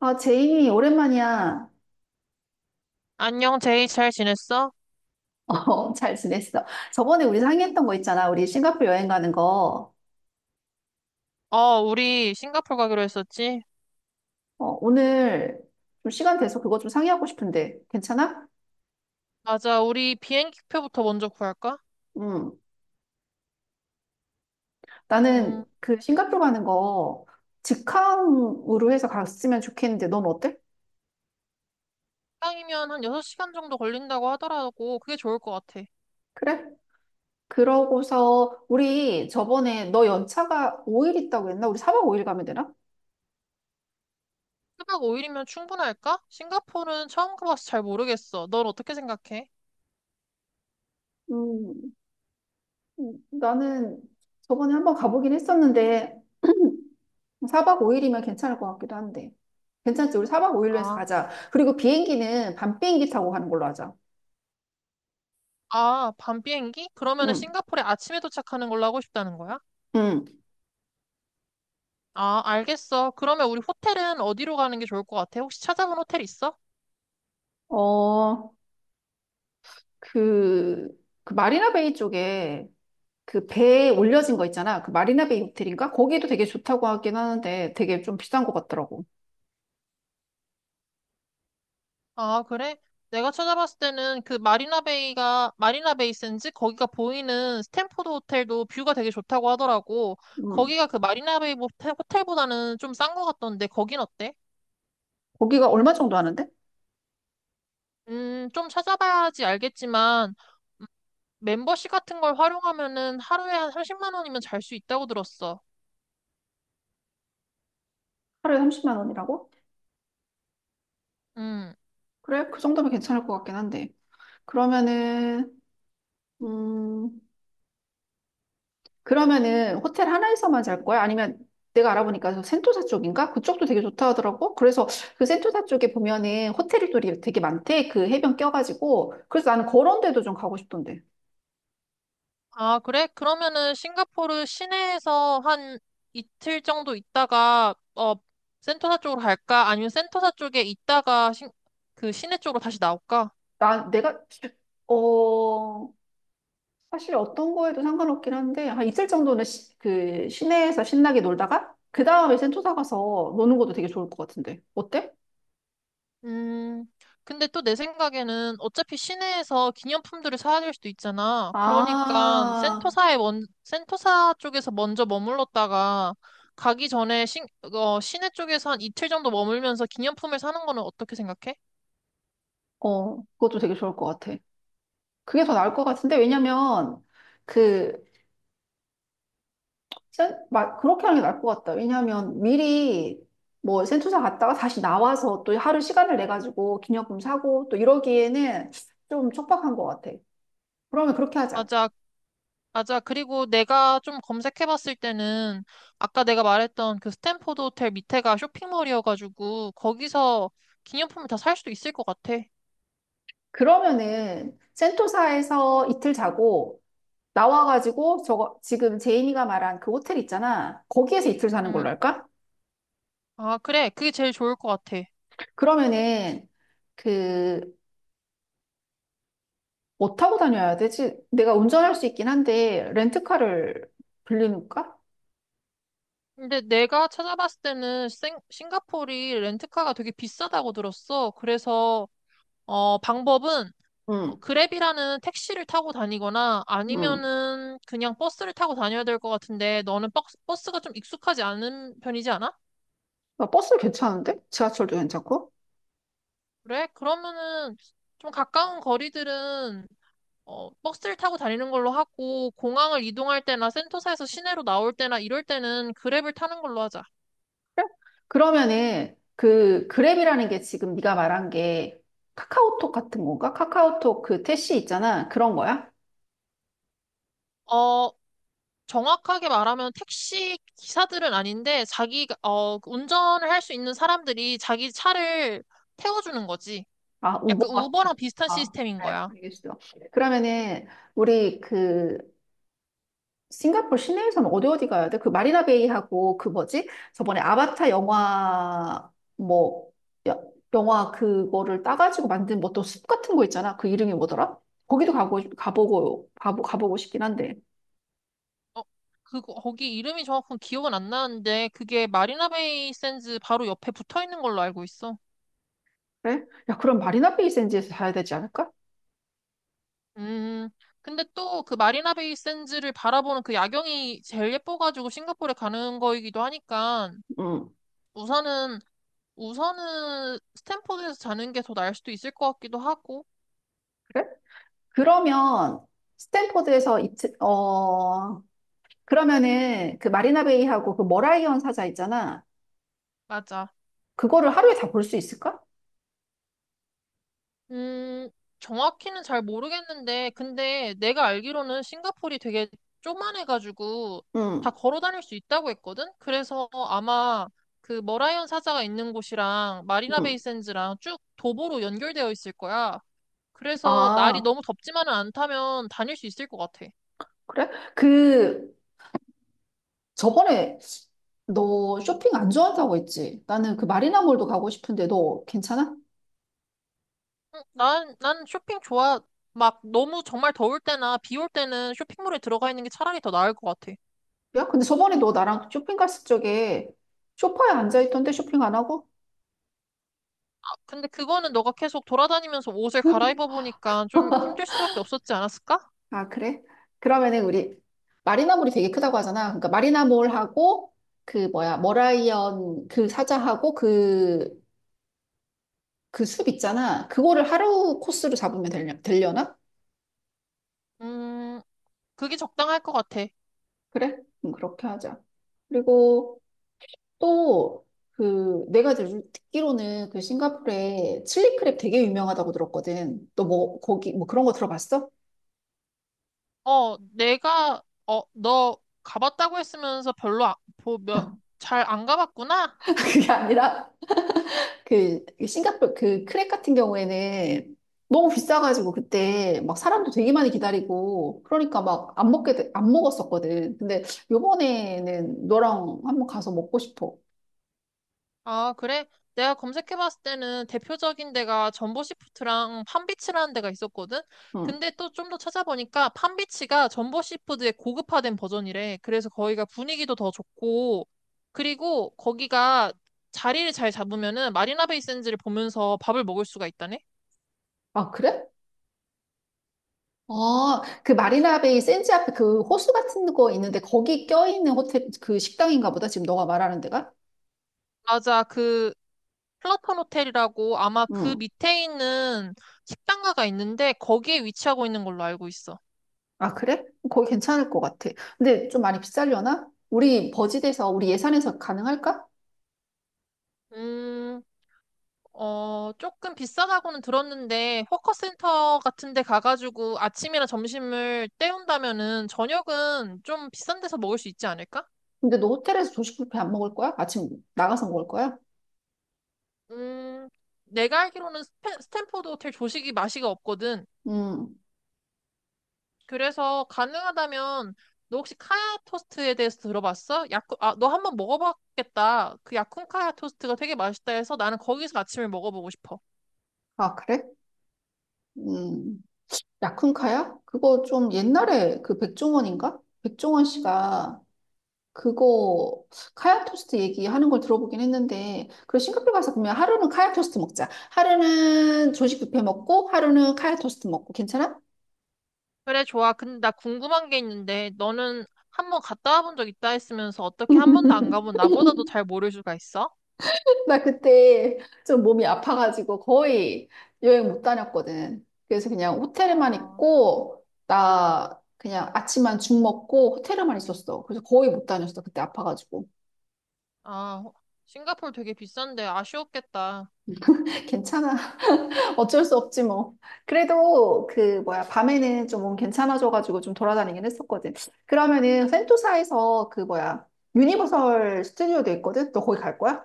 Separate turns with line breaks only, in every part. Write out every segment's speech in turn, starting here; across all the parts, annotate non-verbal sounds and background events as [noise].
아, 제이 오랜만이야.
안녕, 제이. 잘 지냈어?
[laughs] 어, 잘 지냈어. 저번에 우리 상의했던 거 있잖아. 우리 싱가포르 여행 가는 거.
우리 싱가포르 가기로 했었지?
어, 오늘 좀 시간 돼서 그거 좀 상의하고 싶은데, 괜찮아?
맞아. 우리 비행기표부터 먼저 구할까?
음.
음,
나는 그 싱가포르 가는 거 직항으로 해서 갔으면 좋겠는데, 넌 어때?
시간이면 한 6시간 정도 걸린다고 하더라고. 그게 좋을 것 같아.
그래? 그러고서 우리 저번에 너 연차가 5일 있다고 했나? 우리 4박 5일 가면 되나?
1박 5일이면 충분할까? 싱가포르는 처음 가봐서 잘 모르겠어. 넌 어떻게 생각해?
음, 나는 저번에 한번 가보긴 했었는데, [clears throat] 4박 5일이면 괜찮을 것 같기도 한데. 괜찮지? 우리 4박 5일로 해서
아,
가자. 그리고 비행기는 밤 비행기 타고 가는 걸로 하자.
아, 밤 비행기? 그러면은
응,
싱가포르에 아침에 도착하는 걸로 하고 싶다는 거야?
응.
아, 알겠어. 그러면 우리 호텔은 어디로 가는 게 좋을 것 같아? 혹시 찾아본 호텔 있어?
어, 그, 그 마리나 베이 쪽에 그 배에 올려진 거 있잖아. 그 마리나 베이 호텔인가? 거기도 되게 좋다고 하긴 하는데 되게 좀 비싼 것 같더라고.
아, 그래? 내가 찾아봤을 때는 그 마리나 베이가, 마리나 베이 센지 거기가 보이는 스탠포드 호텔도 뷰가 되게 좋다고 하더라고.
응.
거기가 그 마리나 베이 호텔보다는 좀 싼 것 같던데, 거긴 어때?
거기가 얼마 정도 하는데?
좀 찾아봐야지 알겠지만, 음, 멤버십 같은 걸 활용하면은 하루에 한 30만 원이면 잘 수 있다고 들었어.
하루에 30만 원이라고?
음.
그래? 그 정도면 괜찮을 것 같긴 한데. 그러면은, 음, 그러면은 호텔 하나에서만 잘 거야? 아니면 내가 알아보니까 저 센토사 쪽인가? 그쪽도 되게 좋다 하더라고. 그래서 그 센토사 쪽에 보면은 호텔이 또이 되게 많대. 그 해변 껴가지고. 그래서 나는 그런 데도 좀 가고 싶던데.
아, 그래? 그러면은 싱가포르 시내에서 한 이틀 정도 있다가 센토사 쪽으로 갈까? 아니면 센토사 쪽에 있다가 그 시내 쪽으로 다시 나올까?
내가, 어, 사실 어떤 거에도 상관없긴 한데, 한 이틀 정도는 그 시내에서 신나게 놀다가, 그 다음에 센토사 가서 노는 것도 되게 좋을 것 같은데. 어때?
음, 근데 또 내 생각에는 어차피 시내에서 기념품들을 사야 될 수도 있잖아. 그러니까
아,
센토사 쪽에서 먼저 머물렀다가 가기 전에 시내 쪽에서 한 이틀 정도 머물면서 기념품을 사는 거는 어떻게 생각해?
어, 그것도 되게 좋을 것 같아. 그게 더 나을 것 같은데, 왜냐면, 그, 막 그렇게 하는 게 나을 것 같다. 왜냐하면 미리 뭐 센토사 갔다가 다시 나와서 또 하루 시간을 내 가지고 기념품 사고 또 이러기에는 좀 촉박한 것 같아. 그러면 그렇게 하자.
맞아. 맞아. 그리고 내가 좀 검색해봤을 때는 아까 내가 말했던 그 스탠포드 호텔 밑에가 쇼핑몰이어가지고 거기서 기념품을 다 살 수도 있을 것 같아.
그러면은 센토사에서 이틀 자고 나와가지고 저거 지금 제이미가 말한 그 호텔 있잖아. 거기에서 이틀 사는
응.
걸로 할까?
아, 그래. 그게 제일 좋을 것 같아.
그러면은 그 뭐 타고 다녀야 되지? 내가 운전할 수 있긴 한데 렌트카를 빌리는가?
근데 내가 찾아봤을 때는 싱가포르이 렌트카가 되게 비싸다고 들었어. 그래서 방법은
응,
그랩이라는 택시를 타고 다니거나
응.
아니면은 그냥 버스를 타고 다녀야 될 것 같은데 너는 버스가 좀 익숙하지 않은 편이지 않아?
아, 버스 괜찮은데? 지하철도 괜찮고?
그래? 그러면은 좀 가까운 거리들은 버스를 타고 다니는 걸로 하고 공항을 이동할 때나 센터사에서 시내로 나올 때나 이럴 때는 그랩을 타는 걸로 하자.
그러면은 그 그랩이라는 게 지금 네가 말한 게 카카오톡 같은 건가? 카카오톡 그 택시 있잖아. 그런 거야?
어, 정확하게 말하면 택시 기사들은 아닌데 자기 운전을 할 수 있는 사람들이 자기 차를 태워주는 거지.
아, 우버
약간
같은.
우버랑 비슷한
아,
시스템인
그래.
거야.
알겠어. 그러면은 우리 그 싱가포르 시내에서는 어디 어디 가야 돼? 그 마리나 베이하고 그 뭐지? 저번에 아바타 영화 뭐 여- 영화 그거를 따가지고 만든 뭐 또 숲 같은 거 있잖아. 그 이름이 뭐더라? 거기도 가고 가보고 싶긴 한데.
어, 그거 거기 이름이 정확한 기억은 안 나는데 그게 마리나베이 샌즈 바로 옆에 붙어 있는 걸로 알고 있어.
그래? 야, 그럼 마리나 베이 샌즈에서 사야 되지 않을까?
음, 근데 또 그 마리나 베이 샌즈를 바라보는 그 야경이 제일 예뻐가지고 싱가포르에 가는 거이기도 하니까
응,
우선은 우선은 스탠퍼드에서 자는 게 더 나을 수도 있을 것 같기도 하고
그래? 그러면 스탠포드에서 그러면은 그 마리나 베이하고 그 머라이언 사자 있잖아.
맞아.
그거를 하루에 다 볼 수 있을까?
음, 정확히는 잘 모르겠는데 근데 내가 알기로는 싱가포르이 되게 쪼만해가지고 다
응,
걸어 다닐 수 있다고 했거든. 그래서 아마 그 머라이언 사자가 있는 곳이랑 마리나
응.
베이 샌즈랑 쭉 도보로 연결되어 있을 거야. 그래서 날이
아,
너무 덥지만은 않다면 다닐 수 있을 것 같아.
그래? 그 저번에 너 쇼핑 안 좋아한다고 했지? 나는 그 마리나몰도 가고 싶은데 너 괜찮아?
응, 난 쇼핑 좋아. 막 너무 정말 더울 때나 비 올 때는 쇼핑몰에 들어가 있는 게 차라리 더 나을 것 같아.
야, 근데 저번에 너 나랑 쇼핑 갔을 적에 쇼파에 앉아 있던데 쇼핑 안 하고?
아, 근데 그거는 너가 계속 돌아다니면서 옷을 갈아입어 보니까 좀 힘들 수밖에 없었지 않았을까?
아, 그래? 그러면은 우리 마리나몰이 되게 크다고 하잖아. 그러니까 마리나몰하고 그 뭐야, 머라이언 그 사자하고 그 숲 있잖아. 그거를 하루 코스로 잡으면 되려나?
음, 그게 적당할 것 같아.
그래? 그렇게 하자. 그리고 또 내가 듣기로는 그 싱가포르에 칠리크랩 되게 유명하다고 들었거든. 너 뭐 거기 뭐 그런 거 들어봤어?
너 가봤다고 했으면서 별로
[laughs]
잘안 가봤구나.
그게 아니라 그 싱가포르 그 크랙 같은 경우에는 너무 비싸가지고 그때 막 사람도 되게 많이 기다리고 그러니까 막 안 먹게 안 먹었었거든. 근데 요번에는 너랑 한번 가서 먹고 싶어.
아, 그래? 내가 검색해봤을 때는 대표적인 데가 전보시푸드랑 팜비치라는 데가 있었거든?
응.
근데 또 좀 더 찾아보니까 팜비치가 전보시푸드의 고급화된 버전이래. 그래서 거기가 분위기도 더 좋고, 그리고 거기가 자리를 잘 잡으면은 마리나 베이 샌즈를 보면서 밥을 먹을 수가 있다네?
아, 그래? 아, 그 마리나 베이 샌즈 앞에 그 호수 같은 거 있는데 거기 껴있는 호텔 그 식당인가 보다. 지금 너가 말하는 데가?
맞아, 그 플라톤 호텔이라고 아마 그
응.
밑에 있는 식당가가 있는데 거기에 위치하고 있는 걸로 알고 있어.
아, 그래? 거기 괜찮을 것 같아. 근데 좀 많이 비싸려나? 우리 버짓에서 우리 예산에서 가능할까?
음, 조금 비싸다고는 들었는데, 워커센터 같은 데 가가지고 아침이나 점심을 때운다면은 저녁은 좀 비싼 데서 먹을 수 있지 않을까?
근데 너 호텔에서 조식 뷔페 안 먹을 거야? 아침 나가서 먹을 거야?
음, 내가 알기로는 스탠포드 호텔 조식이 맛이가 없거든.
음.
그래서 가능하다면, 너 혹시 카야 토스트에 대해서 들어봤어? 아, 너 한번 먹어봤겠다. 그 야쿤 카야 토스트가 되게 맛있다 해서 나는 거기서 아침을 먹어보고 싶어.
아, 그래? 음. 야쿤카야? 그거 좀 옛날에 그 백종원인가? 백종원 씨가 그거 카약 토스트 얘기하는 걸 들어보긴 했는데 그리고 싱가포르 가서 그러면 하루는 카약 토스트 먹자. 하루는 조식 뷔페 먹고 하루는 카약 토스트 먹고 괜찮아?
그래, 좋아. 근데 나 궁금한 게 있는데, 너는 한 번 갔다 와본 적 있다 했으면서 어떻게 한 번도 안 가본 나보다도 잘 모를 수가 있어?
나 그때 좀 몸이 아파가지고 거의 여행 못 다녔거든. 그래서 그냥 호텔에만
아,
있고, 나 그냥 아침만 죽 먹고 호텔에만 있었어. 그래서 거의 못 다녔어. 그때 아파가지고.
아, 싱가포르 되게 비싼데 아쉬웠겠다.
[laughs] 괜찮아. [laughs] 어쩔 수 없지 뭐. 그래도 그 뭐야, 밤에는 좀 몸 괜찮아져가지고 좀 돌아다니긴 했었거든. 그러면은 센토사에서 그 뭐야, 유니버설 스튜디오도 있거든? 너 거기 갈 거야?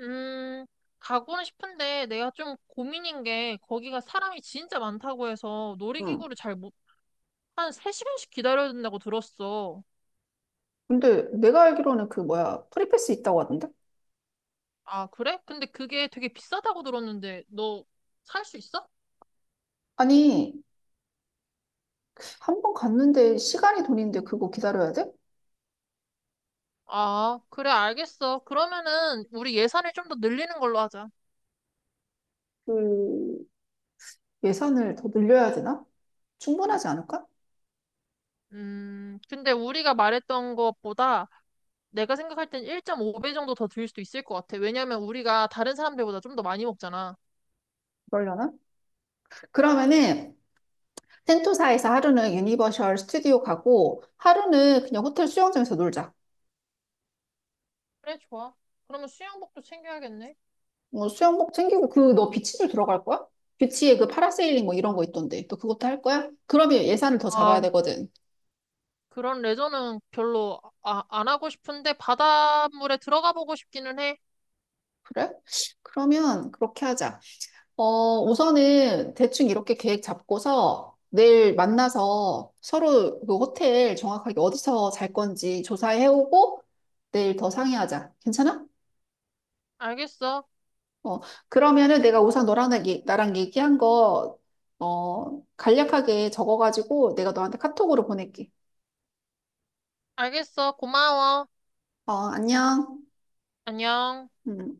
음, 가고는 싶은데 내가 좀 고민인 게 거기가 사람이 진짜 많다고 해서
응.
놀이기구를 잘 못, 한 3시간씩 기다려야 된다고 들었어.
근데 내가 알기로는 그 뭐야, 프리패스 있다고 하던데?
아, 그래? 근데 그게 되게 비싸다고 들었는데 너 살 수 있어?
아니, 한 번 갔는데 시간이 돈인데 그거 기다려야 돼?
아, 그래, 알겠어. 그러면은 우리 예산을 좀 더 늘리는 걸로 하자.
그 예산을 더 늘려야 되나? 충분하지 않을까?
근데 우리가 말했던 것보다 내가 생각할 땐 1.5배 정도 더 들 수도 있을 것 같아. 왜냐면 우리가 다른 사람들보다 좀 더 많이 먹잖아.
그러려나? 그러면은 텐토사에서 하루는 유니버셜 스튜디오 가고 하루는 그냥 호텔 수영장에서 놀자.
그래, 좋아. 그러면 수영복도 챙겨야겠네.
뭐 수영복 챙기고 너 비치도 들어갈 거야? 비치에 그 파라세일링 뭐 이런 거 있던데. 너 그것도 할 거야? 그러면 예산을 더 잡아야
아,
되거든.
그런 레저는 별로 안 하고 싶은데 바닷물에 들어가 보고 싶기는 해.
그래? 그러면 그렇게 하자. 어, 우선은 대충 이렇게 계획 잡고서 내일 만나서 서로 그 호텔 정확하게 어디서 잘 건지 조사해오고 내일 더 상의하자. 괜찮아?
알겠어.
어, 그러면은 내가 우선 너랑 나랑 얘기한 거, 어, 간략하게 적어가지고 내가 너한테 카톡으로 보낼게.
알겠어. 고마워.
어, 안녕.
안녕.
음.